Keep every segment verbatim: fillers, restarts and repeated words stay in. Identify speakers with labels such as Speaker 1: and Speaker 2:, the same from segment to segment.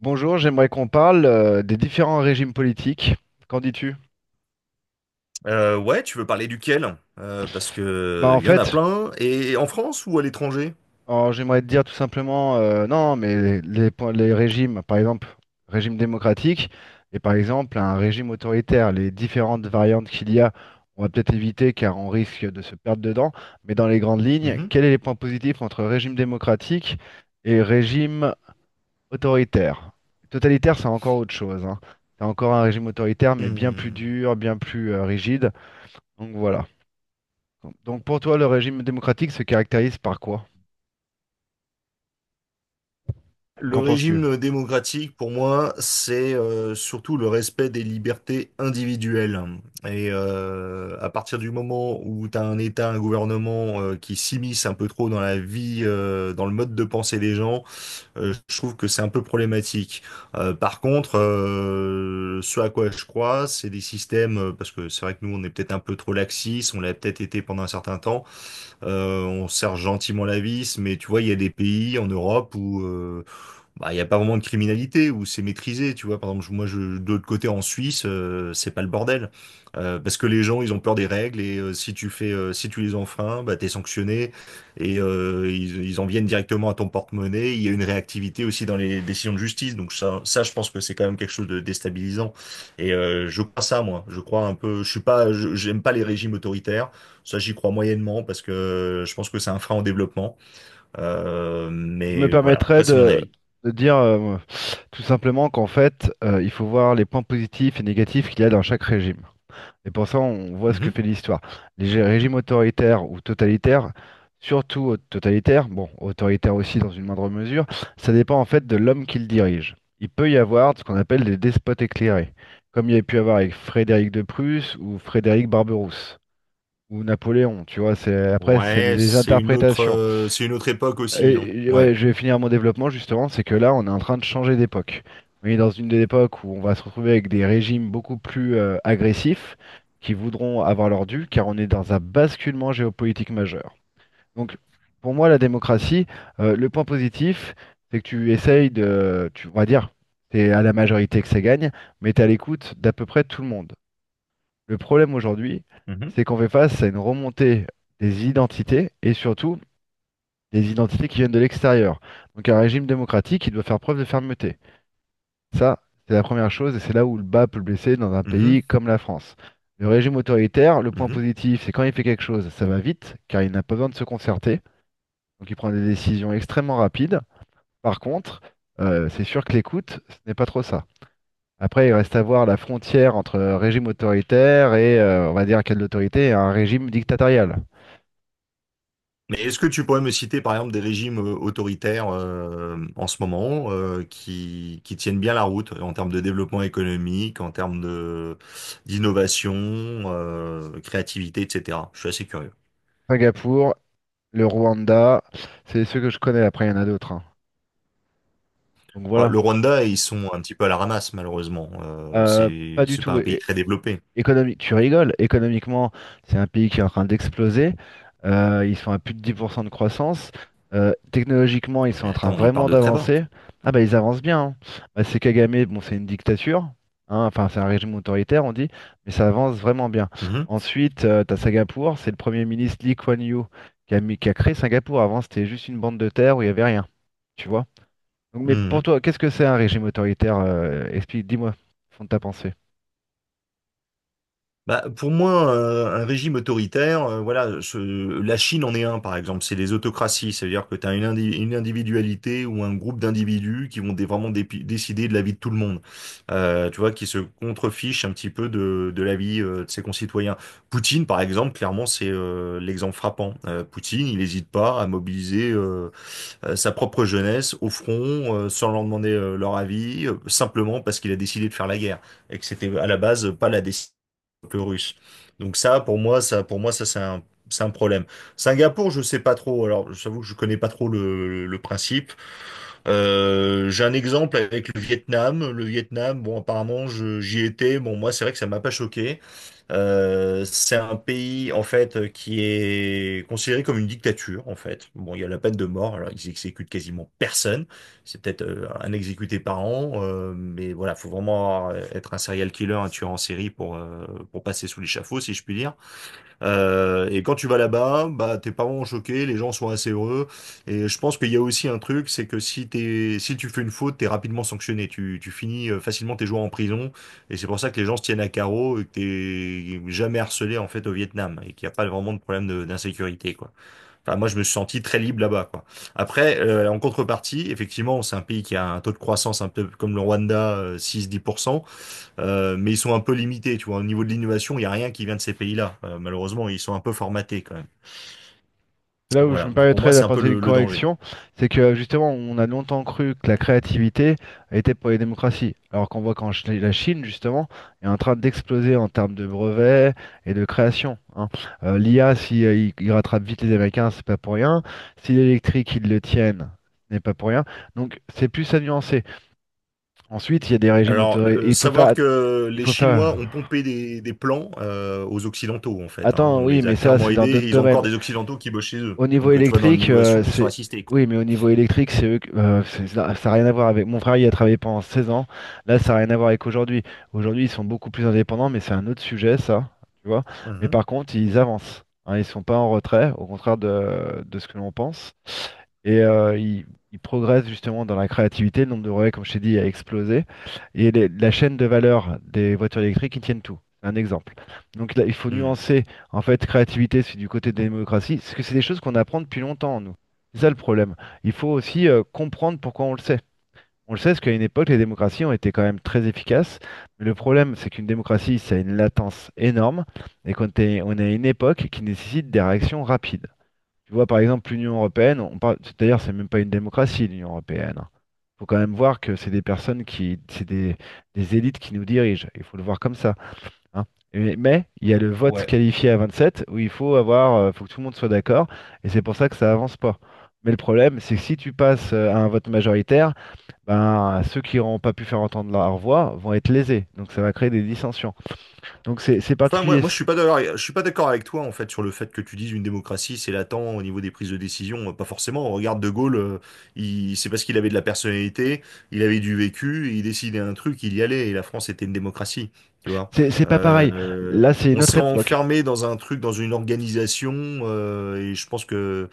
Speaker 1: Bonjour, j'aimerais qu'on parle euh, des différents régimes politiques. Qu'en dis-tu?
Speaker 2: Euh, ouais, tu veux parler duquel? Euh, parce
Speaker 1: Bah
Speaker 2: que
Speaker 1: en
Speaker 2: il y en a
Speaker 1: fait,
Speaker 2: plein. Et en France ou à l'étranger?
Speaker 1: alors, j'aimerais te dire tout simplement, euh, non, mais les, les points- les régimes, par exemple, régime démocratique et par exemple un régime autoritaire, les différentes variantes qu'il y a, on va peut-être éviter car on risque de se perdre dedans, mais dans les grandes lignes,
Speaker 2: Mhm.
Speaker 1: quels sont les points positifs entre régime démocratique et régime autoritaire? Totalitaire, c'est encore autre chose, hein. C'est encore un régime autoritaire, mais bien plus
Speaker 2: Hmm.
Speaker 1: dur, bien plus euh, rigide. Donc voilà. Donc pour toi, le régime démocratique se caractérise par quoi?
Speaker 2: Le
Speaker 1: Qu'en penses-tu?
Speaker 2: régime démocratique, pour moi, c'est euh, surtout le respect des libertés individuelles. Et euh, à partir du moment où tu as un État, un gouvernement euh, qui s'immisce un peu trop dans la vie, euh, dans le mode de pensée des gens, Euh, je trouve que c'est un peu problématique. Euh, par contre, euh, ce à quoi je crois, c'est des systèmes, euh, parce que c'est vrai que nous, on est peut-être un peu trop laxiste, on l'a peut-être été pendant un certain temps, euh, on serre gentiment la vis, mais tu vois, il y a des pays en Europe où euh, bah, il n'y a pas vraiment de criminalité où c'est maîtrisé, tu vois. Par exemple, je- moi, je, de l'autre côté, en Suisse, euh, c'est pas le bordel. Euh, parce que les gens, ils ont peur des règles et euh, si tu fais, euh, si tu les enfreins, bah, t'es sanctionné et euh, ils, ils en viennent directement à ton porte-monnaie. Il y a une réactivité aussi dans les décisions de justice. Donc ça, ça, je pense que c'est quand même quelque chose de déstabilisant. Et euh, je crois ça, moi. Je crois un peu. Je suis pas, je- j'aime pas les régimes autoritaires. Ça, j'y crois moyennement parce que euh, je pense que c'est un frein au développement. Euh,
Speaker 1: Je me
Speaker 2: mais voilà.
Speaker 1: permettrais
Speaker 2: Après, c'est mon
Speaker 1: de,
Speaker 2: avis.
Speaker 1: de dire euh, tout simplement qu'en fait, euh, il faut voir les points positifs et négatifs qu'il y a dans chaque régime. Et pour ça, on voit ce que
Speaker 2: Mhm.
Speaker 1: fait l'histoire. Les gé- régimes autoritaires ou totalitaires, surtout au- totalitaires, bon, autoritaires aussi dans une moindre mesure, ça dépend en fait de l'homme qui le dirige. Il peut y avoir ce qu'on appelle des despotes éclairés, comme il y a pu avoir avec Frédéric de Prusse ou Frédéric Barberousse. Ou Napoléon, tu vois, c'est après c'est
Speaker 2: Ouais,
Speaker 1: des
Speaker 2: c'est une autre,
Speaker 1: interprétations.
Speaker 2: euh, c'est une autre époque aussi, hein.
Speaker 1: Et et ouais,
Speaker 2: Ouais.
Speaker 1: je vais finir mon développement justement, c'est que là on est en train de changer d'époque. On est dans une des époques où on va se retrouver avec des régimes beaucoup plus euh, agressifs qui voudront avoir leur dû, car on est dans un basculement géopolitique majeur. Donc pour moi la démocratie, euh, le point positif, c'est que tu essayes de, tu, on va dire, c'est à la majorité que ça gagne, mais tu à l'écoute d'à peu près tout le monde. Le problème aujourd'hui,
Speaker 2: Mhm.
Speaker 1: c'est qu'on fait face à une remontée des identités et surtout des identités qui viennent de l'extérieur. Donc un régime démocratique qui doit faire preuve de fermeté. Ça, c'est la première chose et c'est là où le bas peut blesser dans un
Speaker 2: Mhm,
Speaker 1: pays comme la France. Le régime autoritaire, le point
Speaker 2: mhm.
Speaker 1: positif, c'est quand il fait quelque chose, ça va vite, car il n'a pas besoin de se concerter. Donc il prend des décisions extrêmement rapides. Par contre, euh, c'est sûr que l'écoute, ce n'est pas trop ça. Après, il reste à voir la frontière entre régime autoritaire et, euh, on va dire, quelle autorité, et un régime dictatorial.
Speaker 2: Mais est-ce que tu pourrais me citer par exemple des régimes euh, autoritaires euh, en ce moment euh, qui, qui tiennent bien la route en termes de développement économique, en termes de d'innovation, euh, créativité, et cetera. Je suis assez curieux.
Speaker 1: Singapour, le Rwanda, c'est ceux que je connais. Après, il y en a d'autres, hein. Donc
Speaker 2: Ouais,
Speaker 1: voilà.
Speaker 2: le Rwanda, ils sont un petit peu à la ramasse malheureusement. Euh,
Speaker 1: Euh,
Speaker 2: c'est
Speaker 1: pas du
Speaker 2: c'est pas
Speaker 1: tout.
Speaker 2: un pays très développé.
Speaker 1: Économique, tu rigoles, économiquement, c'est un pays qui est en train d'exploser. Euh, ils sont à plus de dix pour cent de croissance. Euh, technologiquement, ils
Speaker 2: Ouais,
Speaker 1: sont
Speaker 2: mais
Speaker 1: en train
Speaker 2: attends, ils
Speaker 1: vraiment
Speaker 2: partent de très bas.
Speaker 1: d'avancer. Ah bah ils avancent bien, hein. Bah, c'est Kagame, bon, c'est une dictature, hein. Enfin, c'est un régime autoritaire, on dit, mais ça avance vraiment bien.
Speaker 2: Mhm,
Speaker 1: Ensuite, euh, t'as Singapour, c'est le premier ministre Lee Kuan Yew qui a mis- qui a créé Singapour. Avant, c'était juste une bande de terre où il n'y avait rien. Tu vois? Donc, mais pour
Speaker 2: mhm.
Speaker 1: toi, qu'est-ce que c'est un régime autoritaire? Euh, explique, dis-moi, fond de ta pensée.
Speaker 2: Bah, pour moi, euh, un régime autoritaire, euh, voilà, ce- la Chine en est un, par exemple, c'est les autocraties, c'est-à-dire que tu as une, indi- une individualité ou un groupe d'individus qui vont dé- vraiment dépi- décider de la vie de tout le monde. Euh, tu vois, qui se contrefichent un petit peu de, de la vie euh, de ses concitoyens. Poutine, par exemple, clairement, c'est euh, l'exemple frappant. Euh, Poutine, il n'hésite pas à mobiliser euh, euh, sa propre jeunesse au front, euh, sans leur demander euh, leur avis, euh, simplement parce qu'il a décidé de faire la guerre et que c'était à la base pas la décision peu russe. Donc ça, pour moi, ça, pour moi, ça, c'est un, c'est un problème. Singapour, je sais pas trop. Alors, j'avoue que je connais pas trop le, le principe. Euh, j'ai un exemple avec le Vietnam. Le Vietnam, bon, apparemment, je- j'y étais. Bon, moi, c'est vrai que ça m'a pas choqué. Euh, c'est un pays en fait euh, qui est considéré comme une dictature en fait. Bon, il y a la peine de mort, alors ils exécutent quasiment personne. C'est peut-être euh, un exécuté par an, euh, mais voilà, faut vraiment euh, être un serial killer, un tueur en série pour euh, pour passer sous l'échafaud, si je puis dire. Euh, et quand tu vas là-bas, bah, tes parents ont choqué, les gens sont assez heureux. Et je pense qu'il y a aussi un truc, c'est que si t'es, si tu fais une faute, t'es rapidement sanctionné. Tu, tu finis euh, facilement tes jours en prison. Et c'est pour ça que les gens se tiennent à carreau et que t'es jamais harcelé, en fait, au Vietnam. Et qu'il n'y a pas vraiment de problème de- d'insécurité, quoi. Enfin, moi, je me suis senti très libre là-bas, quoi. Après, euh, en contrepartie, effectivement, c'est un pays qui a un taux de croissance un peu comme le Rwanda, euh, six-dix pour cent. Euh, mais ils sont un peu limités, tu vois. Au niveau de l'innovation, il n'y a rien qui vient de ces pays-là. Euh, malheureusement, ils sont un peu formatés quand même.
Speaker 1: Là où je
Speaker 2: Voilà.
Speaker 1: me
Speaker 2: Pour
Speaker 1: permettrais
Speaker 2: moi, c'est un peu
Speaker 1: d'apporter une
Speaker 2: le, le danger.
Speaker 1: correction, c'est que justement, on a longtemps cru que la créativité était pour les démocraties, alors qu'on voit qu'en Chi- la Chine, justement, est en train d'exploser en termes de brevets et de création, hein. Euh, L'I A, si euh, il, il rattrape vite les Américains, c'est pas pour rien. Si l'électrique, ils le tiennent, ce n'est pas pour rien. Donc, c'est plus à nuancer. Ensuite, il y a des régimes
Speaker 2: Alors,
Speaker 1: autoritaires.
Speaker 2: euh,
Speaker 1: Il faut faire,
Speaker 2: savoir
Speaker 1: at-
Speaker 2: que
Speaker 1: il
Speaker 2: les
Speaker 1: faut faire.
Speaker 2: Chinois ont pompé des, des plans euh, aux Occidentaux, en fait, hein.
Speaker 1: Attends,
Speaker 2: On
Speaker 1: oui,
Speaker 2: les a
Speaker 1: mais ça,
Speaker 2: clairement
Speaker 1: c'est dans
Speaker 2: aidés
Speaker 1: d'autres
Speaker 2: et ils ont encore
Speaker 1: domaines.
Speaker 2: des Occidentaux qui bossent chez eux.
Speaker 1: Au niveau
Speaker 2: Donc, euh, tu vois, dans
Speaker 1: électrique, euh,
Speaker 2: l'innovation, ils sont
Speaker 1: c'est.
Speaker 2: assistés, quoi.
Speaker 1: Oui, mais au niveau électrique, c'est eux que- euh, c'est- ça n'a rien à voir avec. Mon frère, il a travaillé pendant seize ans. Là, ça n'a rien à voir avec aujourd'hui. Aujourd'hui, ils sont beaucoup plus indépendants, mais c'est un autre sujet, ça. Tu vois. Mais
Speaker 2: Mhm.
Speaker 1: par contre, ils avancent, hein, ils sont pas en retrait, au contraire de, de ce que l'on pense. Et euh, il, il progresse justement dans la créativité, le nombre de relais, comme je t'ai dit, a explosé. Et les- la chaîne de valeur des voitures électriques, ils tiennent tout. C'est un exemple. Donc là, il faut
Speaker 2: Mhm.
Speaker 1: nuancer, en fait, créativité, c'est du côté de la démocratie, parce que c'est des choses qu'on apprend depuis longtemps, nous. C'est ça le problème. Il faut aussi euh, comprendre pourquoi on le sait. On le sait parce qu'à une époque, les démocraties ont été quand même très efficaces. Mais le problème, c'est qu'une démocratie, ça a une latence énorme et qu'on est, on est à une époque qui nécessite des réactions rapides. Tu vois, par exemple, l'Union européenne, on parle, c'est-à-dire, c'est même pas une démocratie, l'Union européenne. Il faut quand même voir que c'est des personnes qui, c'est des, des élites qui nous dirigent. Il faut le voir comme ça, hein. Et- mais il y a le vote
Speaker 2: Ouais.
Speaker 1: qualifié à vingt-sept où il faut avoir, euh, faut que tout le monde soit d'accord, et c'est pour ça que ça avance pas. Mais le problème, c'est que si tu passes euh, à un vote majoritaire, ben, ceux qui n'auront pas pu faire entendre leur voix vont être lésés. Donc ça va créer des dissensions. Donc c'est c'est
Speaker 2: Enfin, moi,
Speaker 1: particulier.
Speaker 2: moi, je suis pas d'accord, je suis pas d'accord avec toi en fait sur le fait que tu dises une démocratie c'est latent au niveau des prises de décision. Pas forcément. On regarde De Gaulle, euh, il, c'est parce qu'il avait de la personnalité, il avait du vécu, il décidait un truc, il y allait. Et la France était une démocratie, tu vois.
Speaker 1: C'est c'est pas pareil.
Speaker 2: Euh,
Speaker 1: Là, c'est une
Speaker 2: on
Speaker 1: autre
Speaker 2: s'est
Speaker 1: époque.
Speaker 2: enfermé dans un truc, dans une organisation, euh, et je pense que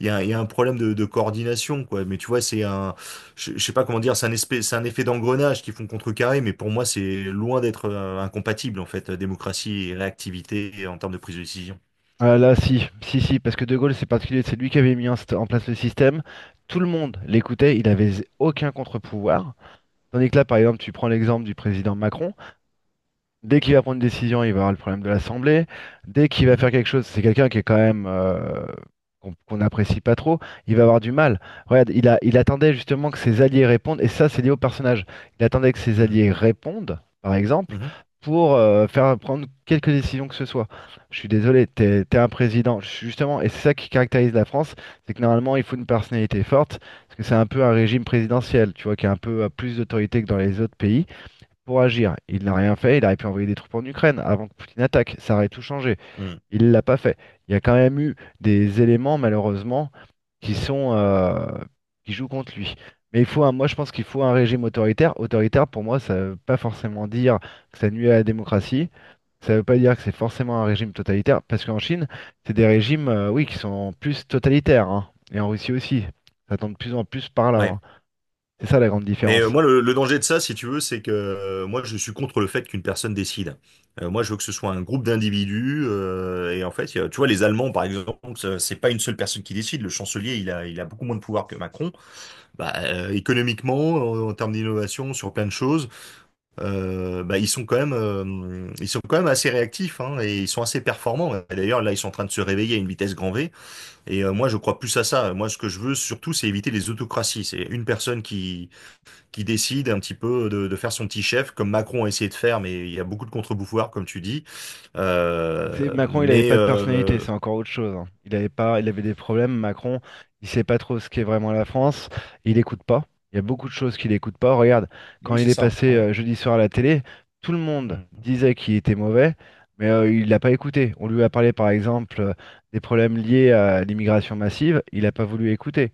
Speaker 2: il y a, il y a un problème de, de coordination, quoi. Mais tu vois, c'est un je, je sais pas comment dire, c'est un espèce, c'est un effet d'engrenage qui font contrecarrer, mais pour moi, c'est loin d'être euh, incompatible, en fait, euh, démocratie et réactivité en termes de prise de décision.
Speaker 1: Ah là, si, si, si, parce que De Gaulle, c'est particulier, c'est lui qui avait mis en, st- en place le système. Tout le monde l'écoutait, il avait z- aucun contre-pouvoir. Tandis que là, par exemple, tu prends l'exemple du président Macron. Dès qu'il va prendre une décision, il va avoir le problème de l'Assemblée. Dès qu'il va faire
Speaker 2: Mhm,
Speaker 1: quelque chose, c'est quelqu'un qui est quand même euh, qu'on qu'on n'apprécie pas trop, il va avoir du mal. Regarde, il a, il attendait justement que ses alliés répondent, et ça, c'est lié au personnage. Il attendait que ses
Speaker 2: mhm,
Speaker 1: alliés répondent, par exemple,
Speaker 2: mhm,
Speaker 1: pour euh, faire prendre quelques décisions que ce soit. Je suis désolé, t'es, t'es un président. Je suis justement, et c'est ça qui caractérise la France, c'est que normalement, il faut une personnalité forte, parce que c'est un peu un régime présidentiel, tu vois, qui a un peu euh, plus d'autorité que dans les autres pays pour agir. Il n'a rien fait, il aurait pu envoyer des troupes en Ukraine avant que Poutine attaque, ça aurait tout changé.
Speaker 2: mhm.
Speaker 1: Il l'a pas fait. Il y a quand même eu des éléments, malheureusement, qui sont euh, qui jouent contre lui. Mais il faut un- moi je pense qu'il faut un régime autoritaire. Autoritaire, pour moi, ça ne veut pas forcément dire que ça nuit à la démocratie. Ça ne veut pas dire que c'est forcément un régime totalitaire, parce qu'en Chine, c'est des régimes, euh, oui, qui sont en plus totalitaires, hein. Et en Russie aussi. Ça tend de plus en plus par là,
Speaker 2: Ouais.
Speaker 1: hein. C'est ça la grande
Speaker 2: Mais euh,
Speaker 1: différence.
Speaker 2: moi, le, le danger de ça, si tu veux, c'est que euh, moi, je suis contre le fait qu'une personne décide. Euh, moi, je veux que ce soit un groupe d'individus. euh, et en fait, il y a- tu vois, les Allemands, par exemple, ça- c'est pas une seule personne qui décide. Le chancelier, il a, il a beaucoup moins de pouvoir que Macron. Bah, euh, économiquement, en, en termes d'innovation, sur plein de choses. euh, bah, ils sont quand même, euh, ils sont quand même assez réactifs hein, et ils sont assez performants. Et d'ailleurs, là, ils sont en train de se réveiller à une vitesse grand V. Et euh, moi, je crois plus à ça. Moi, ce que je veux surtout, c'est éviter les autocraties. C'est une personne qui qui décide un petit peu de, de faire son petit chef, comme Macron a essayé de faire, mais il y a beaucoup de contre-pouvoirs, comme tu dis.
Speaker 1: C'est
Speaker 2: Euh,
Speaker 1: Macron, il n'avait
Speaker 2: mais
Speaker 1: pas de personnalité,
Speaker 2: euh,
Speaker 1: c'est encore autre chose, hein. Il avait pas, il avait des problèmes. Macron, il sait pas trop ce qu'est vraiment la France. Il écoute pas. Il y a beaucoup de choses qu'il écoute pas. Regarde, quand
Speaker 2: oui,
Speaker 1: il
Speaker 2: c'est
Speaker 1: est
Speaker 2: ça.
Speaker 1: passé
Speaker 2: Ouais.
Speaker 1: euh, jeudi soir à la télé, tout le monde
Speaker 2: Mhm.
Speaker 1: disait qu'il était mauvais, mais euh, il l'a pas écouté. On lui a parlé par exemple euh, des problèmes liés à l'immigration massive. Il n'a pas voulu écouter.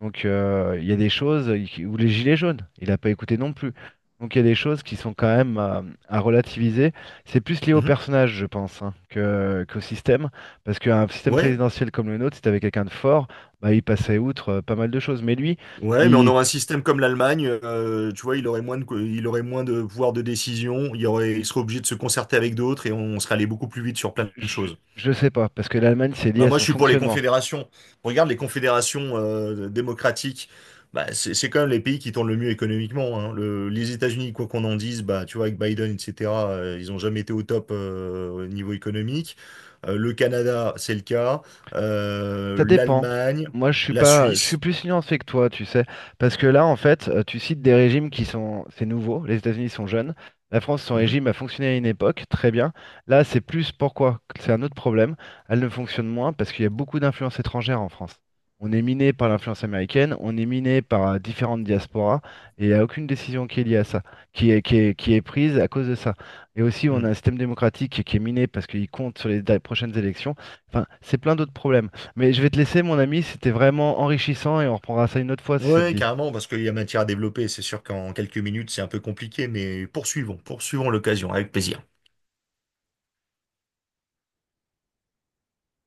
Speaker 1: Donc euh, il y a des choses, euh, ou les gilets jaunes, il n'a pas écouté non plus. Donc il y a des choses qui sont quand même euh, à, relativiser. C'est plus lié au
Speaker 2: Mhm.
Speaker 1: personnage, je pense, hein, que, qu'au système. Parce qu'un système
Speaker 2: Ouais,
Speaker 1: présidentiel comme le nôtre, si t'avais quelqu'un de fort, bah, il passait outre euh, pas mal de choses. Mais lui,
Speaker 2: Ouais, mais on
Speaker 1: il,
Speaker 2: aurait un système comme l'Allemagne, euh, tu vois, il aurait moins de, co- il aurait moins de pouvoir de décision, il y aurait, il serait obligé de se concerter avec d'autres et on serait allé beaucoup plus vite sur plein de
Speaker 1: je
Speaker 2: choses.
Speaker 1: je sais pas, parce que l'Allemagne, c'est lié
Speaker 2: Bah
Speaker 1: à
Speaker 2: moi, je
Speaker 1: son
Speaker 2: suis pour les
Speaker 1: fonctionnement.
Speaker 2: confédérations. Regarde les confédérations euh, démocratiques, bah, c'est c'est quand même les pays qui tournent le mieux économiquement, hein. Le- les États-Unis, quoi qu'on en dise, bah tu vois, avec Biden, et cetera, euh, ils ont jamais été au top euh, au niveau économique. Euh, le Canada, c'est le cas. Euh,
Speaker 1: Ça dépend.
Speaker 2: l'Allemagne,
Speaker 1: Moi, je suis
Speaker 2: la
Speaker 1: pas, je suis
Speaker 2: Suisse.
Speaker 1: plus nuancé que toi, tu sais, parce que là, en fait, euh, tu cites des régimes qui sont, c'est nouveau. Les États-Unis sont jeunes. La France, son régime a fonctionné à une époque, très bien. Là, c'est plus pourquoi? Que c'est un autre problème. Elle ne fonctionne moins parce qu'il y a beaucoup d'influences étrangères en France. On est miné par l'influence américaine, on est miné par euh, différentes diasporas, et il n'y a aucune décision qui est liée à ça, qui est, qui est, qui est prise à cause de ça. Et aussi, on a
Speaker 2: Mhm.
Speaker 1: un système démocratique qui est miné parce qu'il compte sur les da- prochaines élections. Enfin, c'est plein d'autres problèmes. Mais je vais te laisser, mon ami, c'était vraiment enrichissant et on reprendra ça une autre fois si ça te
Speaker 2: Ouais,
Speaker 1: dit.
Speaker 2: carrément, parce qu'il y a matière à développer. C'est sûr qu'en quelques minutes, c'est un peu compliqué, mais poursuivons, poursuivons l'occasion, avec plaisir.